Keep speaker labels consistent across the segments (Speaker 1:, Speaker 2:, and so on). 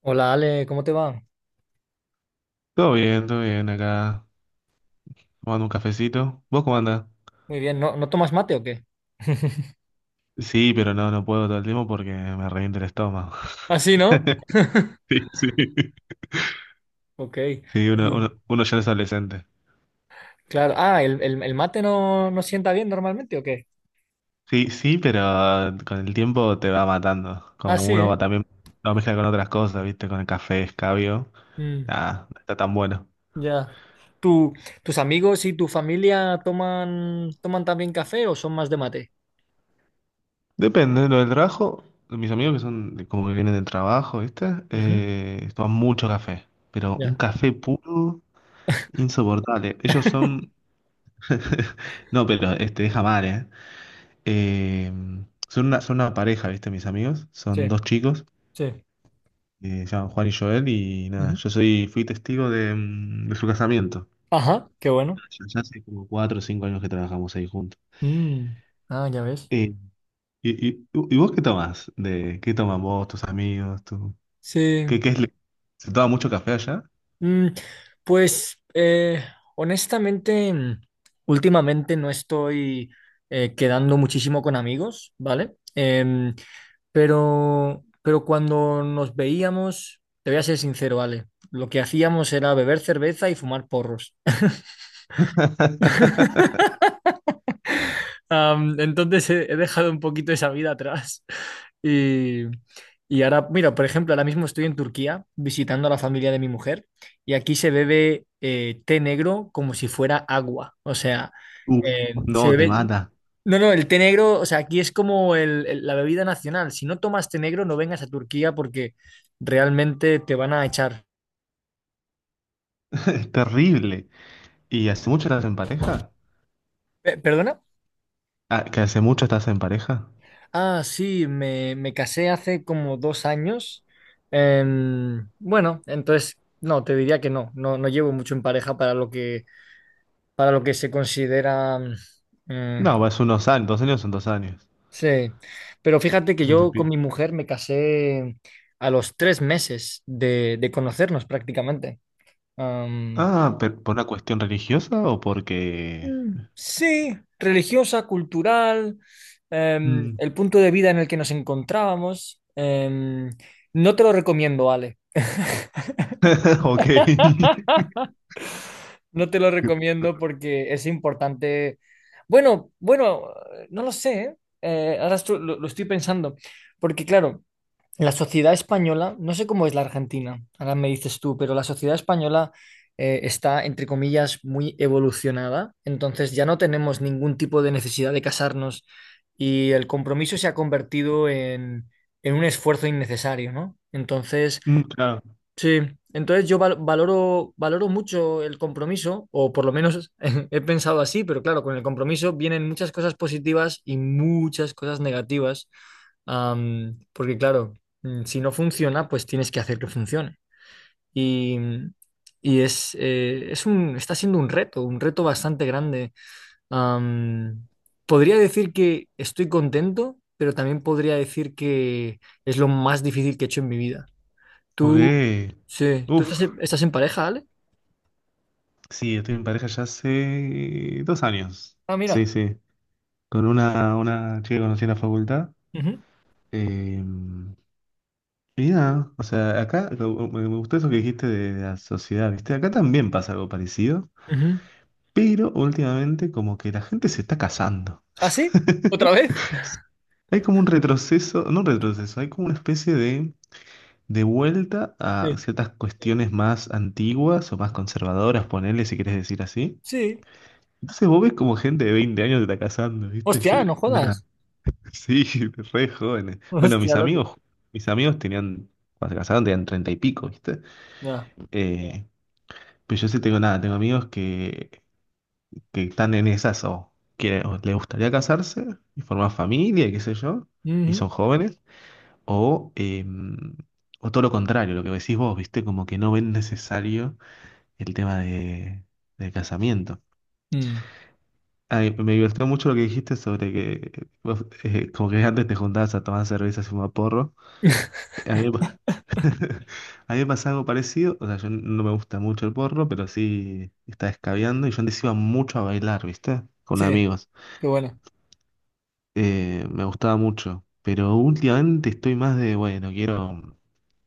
Speaker 1: Hola Ale, ¿cómo te va?
Speaker 2: Todo bien acá, tomando un cafecito. ¿Vos cómo andás?
Speaker 1: Muy bien, ¿no tomas mate o qué?
Speaker 2: Sí, pero no, no puedo todo el tiempo porque me revienta el estómago.
Speaker 1: Ah, sí, ¿no?
Speaker 2: Sí, sí.
Speaker 1: Ok.
Speaker 2: Sí, uno, uno,
Speaker 1: Tú-
Speaker 2: uno ya es adolescente.
Speaker 1: Claro, ah, ¿el mate no sienta bien normalmente o qué?
Speaker 2: Sí, sí, pero con el tiempo te va matando.
Speaker 1: Ah,
Speaker 2: Como
Speaker 1: sí,
Speaker 2: uno
Speaker 1: ¿eh?
Speaker 2: va también lo mezcla con otras cosas, ¿viste? Con el café, escabio.
Speaker 1: Mm,
Speaker 2: Nada, no está tan bueno.
Speaker 1: ya. ¿Tú- Tus amigos y tu familia toman también café o son más de mate?
Speaker 2: Depende, lo del trabajo, mis amigos que son de- como que vienen del trabajo, ¿viste?
Speaker 1: Ujú,
Speaker 2: Toman mucho café, pero un
Speaker 1: ya,
Speaker 2: café puro, insoportable. Ellos son No, pero este, deja mal, ¿eh? Eh, son una pareja, ¿viste? Mis amigos.
Speaker 1: sí,
Speaker 2: Son dos chicos,
Speaker 1: sí.
Speaker 2: se llaman Juan y Joel, y nada,
Speaker 1: Ujú.
Speaker 2: yo soy, fui testigo de, de su casamiento.
Speaker 1: Ajá, qué bueno.
Speaker 2: Ya, ya hace como 4 o 5 años que trabajamos ahí juntos.
Speaker 1: Mm, ah, ya ves.
Speaker 2: Eh, ¿Y vos qué tomás? De, ¿qué toman vos, tus amigos? Tu
Speaker 1: Sí.
Speaker 2: ¿qué, qué es? Lo- ¿se toma mucho café allá?
Speaker 1: Mm, pues honestamente, últimamente no estoy quedando muchísimo con amigos, ¿vale? Pero cuando nos veíamos, te voy a ser sincero, Ale, lo que hacíamos era beber cerveza y fumar porros. Entonces he dejado un poquito esa vida atrás. Y, y ahora, mira, por ejemplo, ahora mismo estoy en Turquía visitando a la familia de mi mujer y aquí se bebe té negro como si fuera agua. O sea,
Speaker 2: Uf, no,
Speaker 1: se
Speaker 2: te
Speaker 1: bebe...
Speaker 2: mata.
Speaker 1: No, no, el té negro, o sea, aquí es como la bebida nacional. Si no tomas té negro, no vengas a Turquía porque realmente te van a echar.
Speaker 2: Es terrible. ¿Y hace mucho estás en pareja?
Speaker 1: ¿Perdona?
Speaker 2: Ah, ¿que hace mucho estás en pareja?
Speaker 1: Ah, sí, me casé hace como dos años. Bueno, entonces, no, te diría que no llevo mucho en pareja para lo que se considera...
Speaker 2: No,
Speaker 1: eh,
Speaker 2: es unos años, 2 años son 2 años.
Speaker 1: sí, pero fíjate que
Speaker 2: Es un
Speaker 1: yo con
Speaker 2: tipi.
Speaker 1: mi mujer me casé a los tres meses de conocernos prácticamente. Am,
Speaker 2: Ah, pero ¿por una cuestión religiosa o porque...?
Speaker 1: sí, religiosa, cultural,
Speaker 2: Mm.
Speaker 1: el punto de vida en el que nos encontrábamos. No te lo recomiendo, Ale.
Speaker 2: Ok.
Speaker 1: No te lo recomiendo porque es importante. Bueno, no lo sé, ¿eh? Ahora lo estoy pensando, porque claro, la sociedad española, no sé cómo es la Argentina, ahora me dices tú, pero la sociedad española está, entre comillas, muy evolucionada, entonces ya no tenemos ningún tipo de necesidad de casarnos y el compromiso se ha convertido en un esfuerzo innecesario, ¿no? Entonces...
Speaker 2: Mm, claro.
Speaker 1: Sí, entonces yo valoro, valoro mucho el compromiso, o por lo menos he pensado así, pero claro, con el compromiso vienen muchas cosas positivas y muchas cosas negativas, porque claro, si no funciona, pues tienes que hacer que funcione. Y, y es un, está siendo un reto bastante grande. Am, podría decir que estoy contento, pero también podría decir que es lo más difícil que he hecho en mi vida.
Speaker 2: Ok.
Speaker 1: Tú, sí, ¿tú estás
Speaker 2: Uf.
Speaker 1: en, estás en pareja, Ale?
Speaker 2: Sí, estoy en pareja ya hace 2 años.
Speaker 1: Ah,
Speaker 2: Sí,
Speaker 1: mira.
Speaker 2: sí. Con una chica que conocí en la facultad.
Speaker 1: Ujú.
Speaker 2: Eh, y nada, o sea, acá lo- me gustó eso que dijiste de la sociedad, ¿viste? Acá también pasa algo parecido,
Speaker 1: Ujú.
Speaker 2: pero últimamente como que la gente se está casando.
Speaker 1: ¿Ah, sí? ¿Otra vez?
Speaker 2: Hay como un retroceso, no un retroceso, hay como una especie de vuelta a
Speaker 1: Sí.
Speaker 2: ciertas cuestiones más antiguas o más conservadoras, ponele si quieres decir así.
Speaker 1: Sí.
Speaker 2: Entonces vos ves como gente de 20 años se está casando, ¿viste? Yo,
Speaker 1: Hostia, no
Speaker 2: nada,
Speaker 1: jodas.
Speaker 2: sí, re jóvenes. Bueno,
Speaker 1: Hostia, loco.
Speaker 2: mis amigos tenían, cuando se casaron tenían 30 y pico, ¿viste?
Speaker 1: Ya.
Speaker 2: Eh, pero yo sí tengo nada, tengo amigos que están en esas o que o les gustaría casarse y formar familia, y qué sé yo, y
Speaker 1: Ujú.
Speaker 2: son jóvenes. O, eh, o todo lo contrario, lo que decís vos, ¿viste? Como que no ven necesario el tema de, del casamiento.
Speaker 1: Mm.
Speaker 2: Ay, me divirtió mucho lo que dijiste sobre que vos, como que antes te juntabas a tomar cerveza y fumar porro. A mí, me pa- a mí me pasa algo parecido, o sea, yo no me gusta mucho el porro, pero sí está escabeando y yo antes iba mucho a bailar, ¿viste? Con
Speaker 1: Sí,
Speaker 2: amigos.
Speaker 1: qué bueno.
Speaker 2: Me gustaba mucho, pero últimamente estoy más de, bueno, quiero...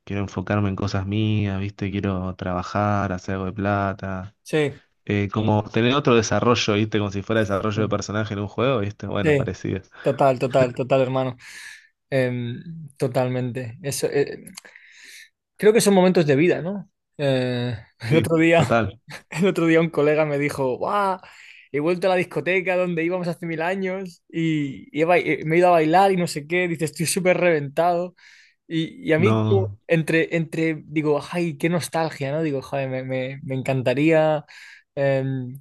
Speaker 2: Quiero enfocarme en cosas mías, ¿viste? Quiero trabajar, hacer algo de plata.
Speaker 1: Sí,
Speaker 2: Sí. Como tener otro desarrollo, ¿viste? Como si fuera desarrollo de
Speaker 1: sí,
Speaker 2: personaje en un juego, ¿viste? Bueno,
Speaker 1: sí.
Speaker 2: parecido.
Speaker 1: Total, total, total, hermano. Em, totalmente. Eso, creo que son momentos de vida, ¿no? Eh, el
Speaker 2: Sí.
Speaker 1: otro día.
Speaker 2: Total.
Speaker 1: El otro día un colega me dijo, ¡guau! He vuelto a la discoteca donde íbamos hace mil años y he me he ido a bailar y no sé qué. Dice, estoy súper reventado. Y a mí, como,
Speaker 2: No.
Speaker 1: digo, ¡ay, qué nostalgia! ¿No? Digo, joder, me encantaría em,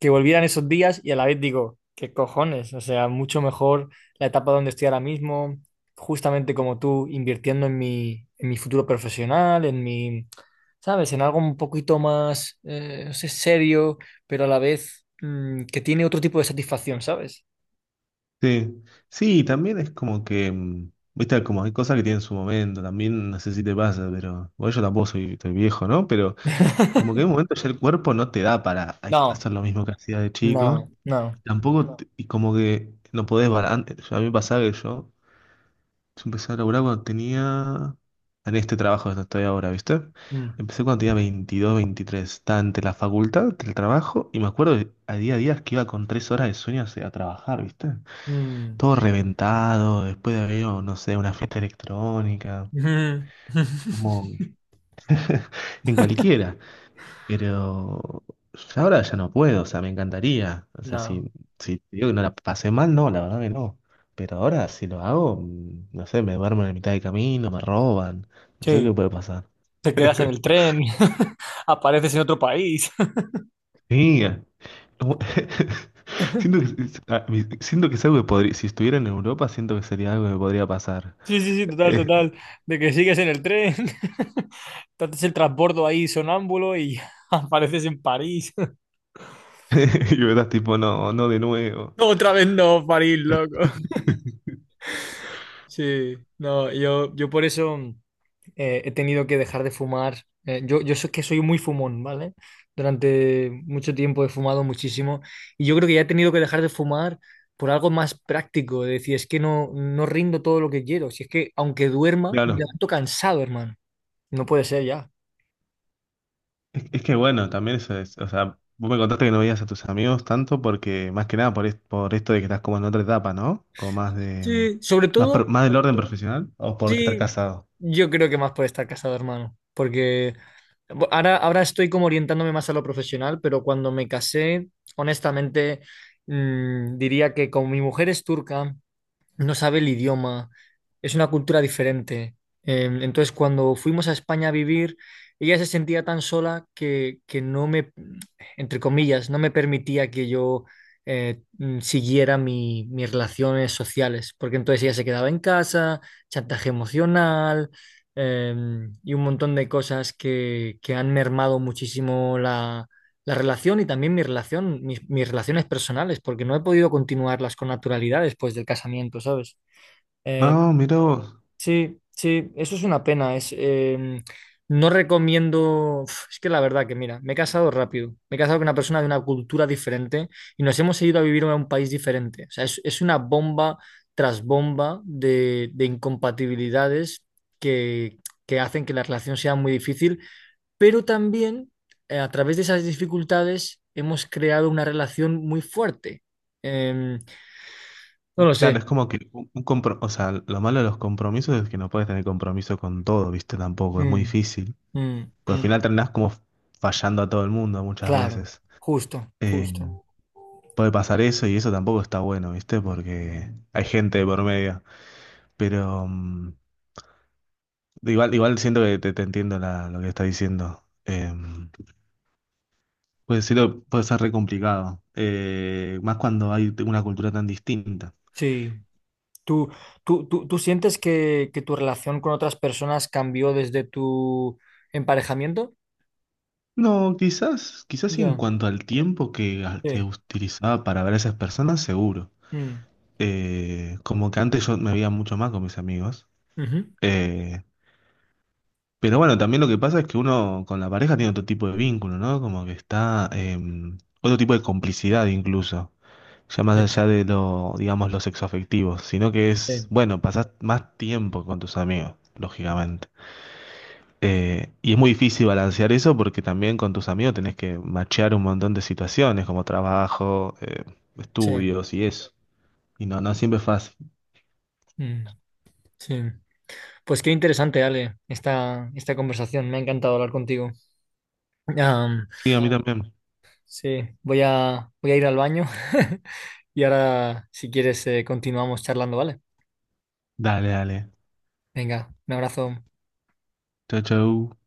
Speaker 1: que volvieran esos días y a la vez digo, ¿qué cojones? O sea, mucho mejor la etapa donde estoy ahora mismo, justamente como tú, invirtiendo en mi futuro profesional, en mi ¿sabes? En algo un poquito más, no sé, serio, pero a la vez que tiene otro tipo de satisfacción, ¿sabes?
Speaker 2: Sí. Sí, también es como que, ¿viste? Como hay cosas que tienen su momento, también no sé si te pasa, pero bueno, yo tampoco soy, estoy viejo, ¿no? Pero como que en un momento ya el cuerpo no te da para ahí-
Speaker 1: No,
Speaker 2: hacer lo mismo que hacía de chico.
Speaker 1: no, no.
Speaker 2: Tampoco, te- y como que no podés, balan- a mí me pasaba que yo... Yo empecé a laburar cuando tenía... En este trabajo donde estoy ahora, ¿viste?
Speaker 1: Mm,
Speaker 2: Empecé cuando tenía 22, 23. Estaba entre la facultad, entre el trabajo. Y me acuerdo de- a día que iba con 3 horas de sueño hacia- a trabajar, ¿viste?
Speaker 1: mm,
Speaker 2: Todo reventado, después de haber ido, no sé, a una fiesta electrónica.
Speaker 1: mm,
Speaker 2: Como en cualquiera. Pero ahora ya no puedo, o sea, me encantaría. O sea,
Speaker 1: no.
Speaker 2: si, si te digo que no la pasé mal, no, la verdad que no. Pero ahora si lo hago, no sé, me duermo en la mitad del camino, me roban, no sé
Speaker 1: Sí,
Speaker 2: qué puede pasar.
Speaker 1: te quedas en el tren, apareces en otro país.
Speaker 2: Sí, como- siento que, es- a mí- siento que es algo que podría, si estuviera en Europa, siento que sería algo que podría pasar.
Speaker 1: Sí, sí, sí, total,
Speaker 2: Eh,
Speaker 1: total. De que sigues en el tren, te haces el transbordo ahí sonámbulo y apareces en París.
Speaker 2: y verás, tipo, no, no de nuevo.
Speaker 1: Otra vez no, París, loco. Sí, no, yo por eso. He tenido que dejar de fumar. Yo, yo sé que soy muy fumón, ¿vale? Durante mucho tiempo he fumado muchísimo y yo creo que ya he tenido que dejar de fumar por algo más práctico, de decir, es que no rindo todo lo que quiero, si es que aunque duerma, me
Speaker 2: Claro,
Speaker 1: levanto cansado, hermano. No puede ser ya.
Speaker 2: es que bueno, también eso es, o sea, vos me contaste que no veías a tus amigos tanto porque, más que nada, por, es- por esto de que estás como en otra etapa, ¿no? Como más de,
Speaker 1: Sí, sobre
Speaker 2: más, pro-
Speaker 1: todo,
Speaker 2: más del orden profesional o porque estar
Speaker 1: sí,
Speaker 2: casado.
Speaker 1: yo creo que más puede estar casado, hermano, porque ahora, ahora estoy como orientándome más a lo profesional, pero cuando me casé, honestamente... diría que como mi mujer es turca no sabe el idioma, es una cultura diferente. Entonces, cuando fuimos a España a vivir, ella se sentía tan sola que no me, entre comillas, no me permitía que yo siguiera mis relaciones sociales, porque entonces ella se quedaba en casa, chantaje emocional. eh, y un montón de cosas que han mermado muchísimo la relación y también mi relación, mis relaciones personales, porque no he podido continuarlas con naturalidad después del casamiento, ¿sabes? Eh,
Speaker 2: No, mira vos.
Speaker 1: sí, sí, eso es una pena. Es, no recomiendo, uf, es que la verdad que mira, me he casado rápido, me he casado con una persona de una cultura diferente y nos hemos ido a vivir a un país diferente. O sea, es una bomba tras bomba de incompatibilidades que, que hacen que la relación sea muy difícil pero también a través de esas dificultades hemos creado una relación muy fuerte. Em, no lo sé.
Speaker 2: Claro, es como que un compro- o sea, lo malo de los compromisos es que no puedes tener compromiso con todo, ¿viste? Tampoco, es muy
Speaker 1: Mm,
Speaker 2: difícil.
Speaker 1: mm,
Speaker 2: Porque al
Speaker 1: mm.
Speaker 2: final terminás como fallando a todo el mundo muchas
Speaker 1: Claro,
Speaker 2: veces.
Speaker 1: justo,
Speaker 2: Eh,
Speaker 1: justo.
Speaker 2: puede pasar eso y eso tampoco está bueno, ¿viste? Porque hay gente de por medio. Pero... igual, igual siento que te entiendo la- lo que estás diciendo. Puede ser, puede ser re complicado. Más cuando hay una cultura tan distinta.
Speaker 1: Sí. ¿Tú, tú sientes que tu relación con otras personas cambió desde tu emparejamiento?
Speaker 2: No, quizás, quizás sí en
Speaker 1: Ya,
Speaker 2: cuanto al tiempo que
Speaker 1: sí.
Speaker 2: utilizaba para ver a esas personas, seguro.
Speaker 1: Mm,
Speaker 2: Como que antes yo me veía mucho más con mis amigos.
Speaker 1: ujú,
Speaker 2: Eh, pero bueno, también lo que pasa es que uno con la pareja tiene otro tipo de vínculo, ¿no? Como que está, otro tipo de complicidad incluso. Ya más
Speaker 1: sí,
Speaker 2: allá de lo, digamos, los sexoafectivos, sino que es,
Speaker 1: sí,
Speaker 2: bueno, pasás más tiempo con tus amigos, lógicamente. Y es muy difícil balancear eso porque también con tus amigos tenés que machear un montón de situaciones como trabajo,
Speaker 1: sí.
Speaker 2: estudios y eso. Y no, no siempre es fácil.
Speaker 1: mm, sí. Pues qué interesante, Ale, esta conversación. Me ha encantado hablar contigo. Am,
Speaker 2: Sí, a mí claro. También.
Speaker 1: Sí, voy a ir al baño y ahora, si quieres, continuamos charlando, ¿vale?
Speaker 2: Dale, dale.
Speaker 1: Venga, un abrazo.
Speaker 2: Chau, chau.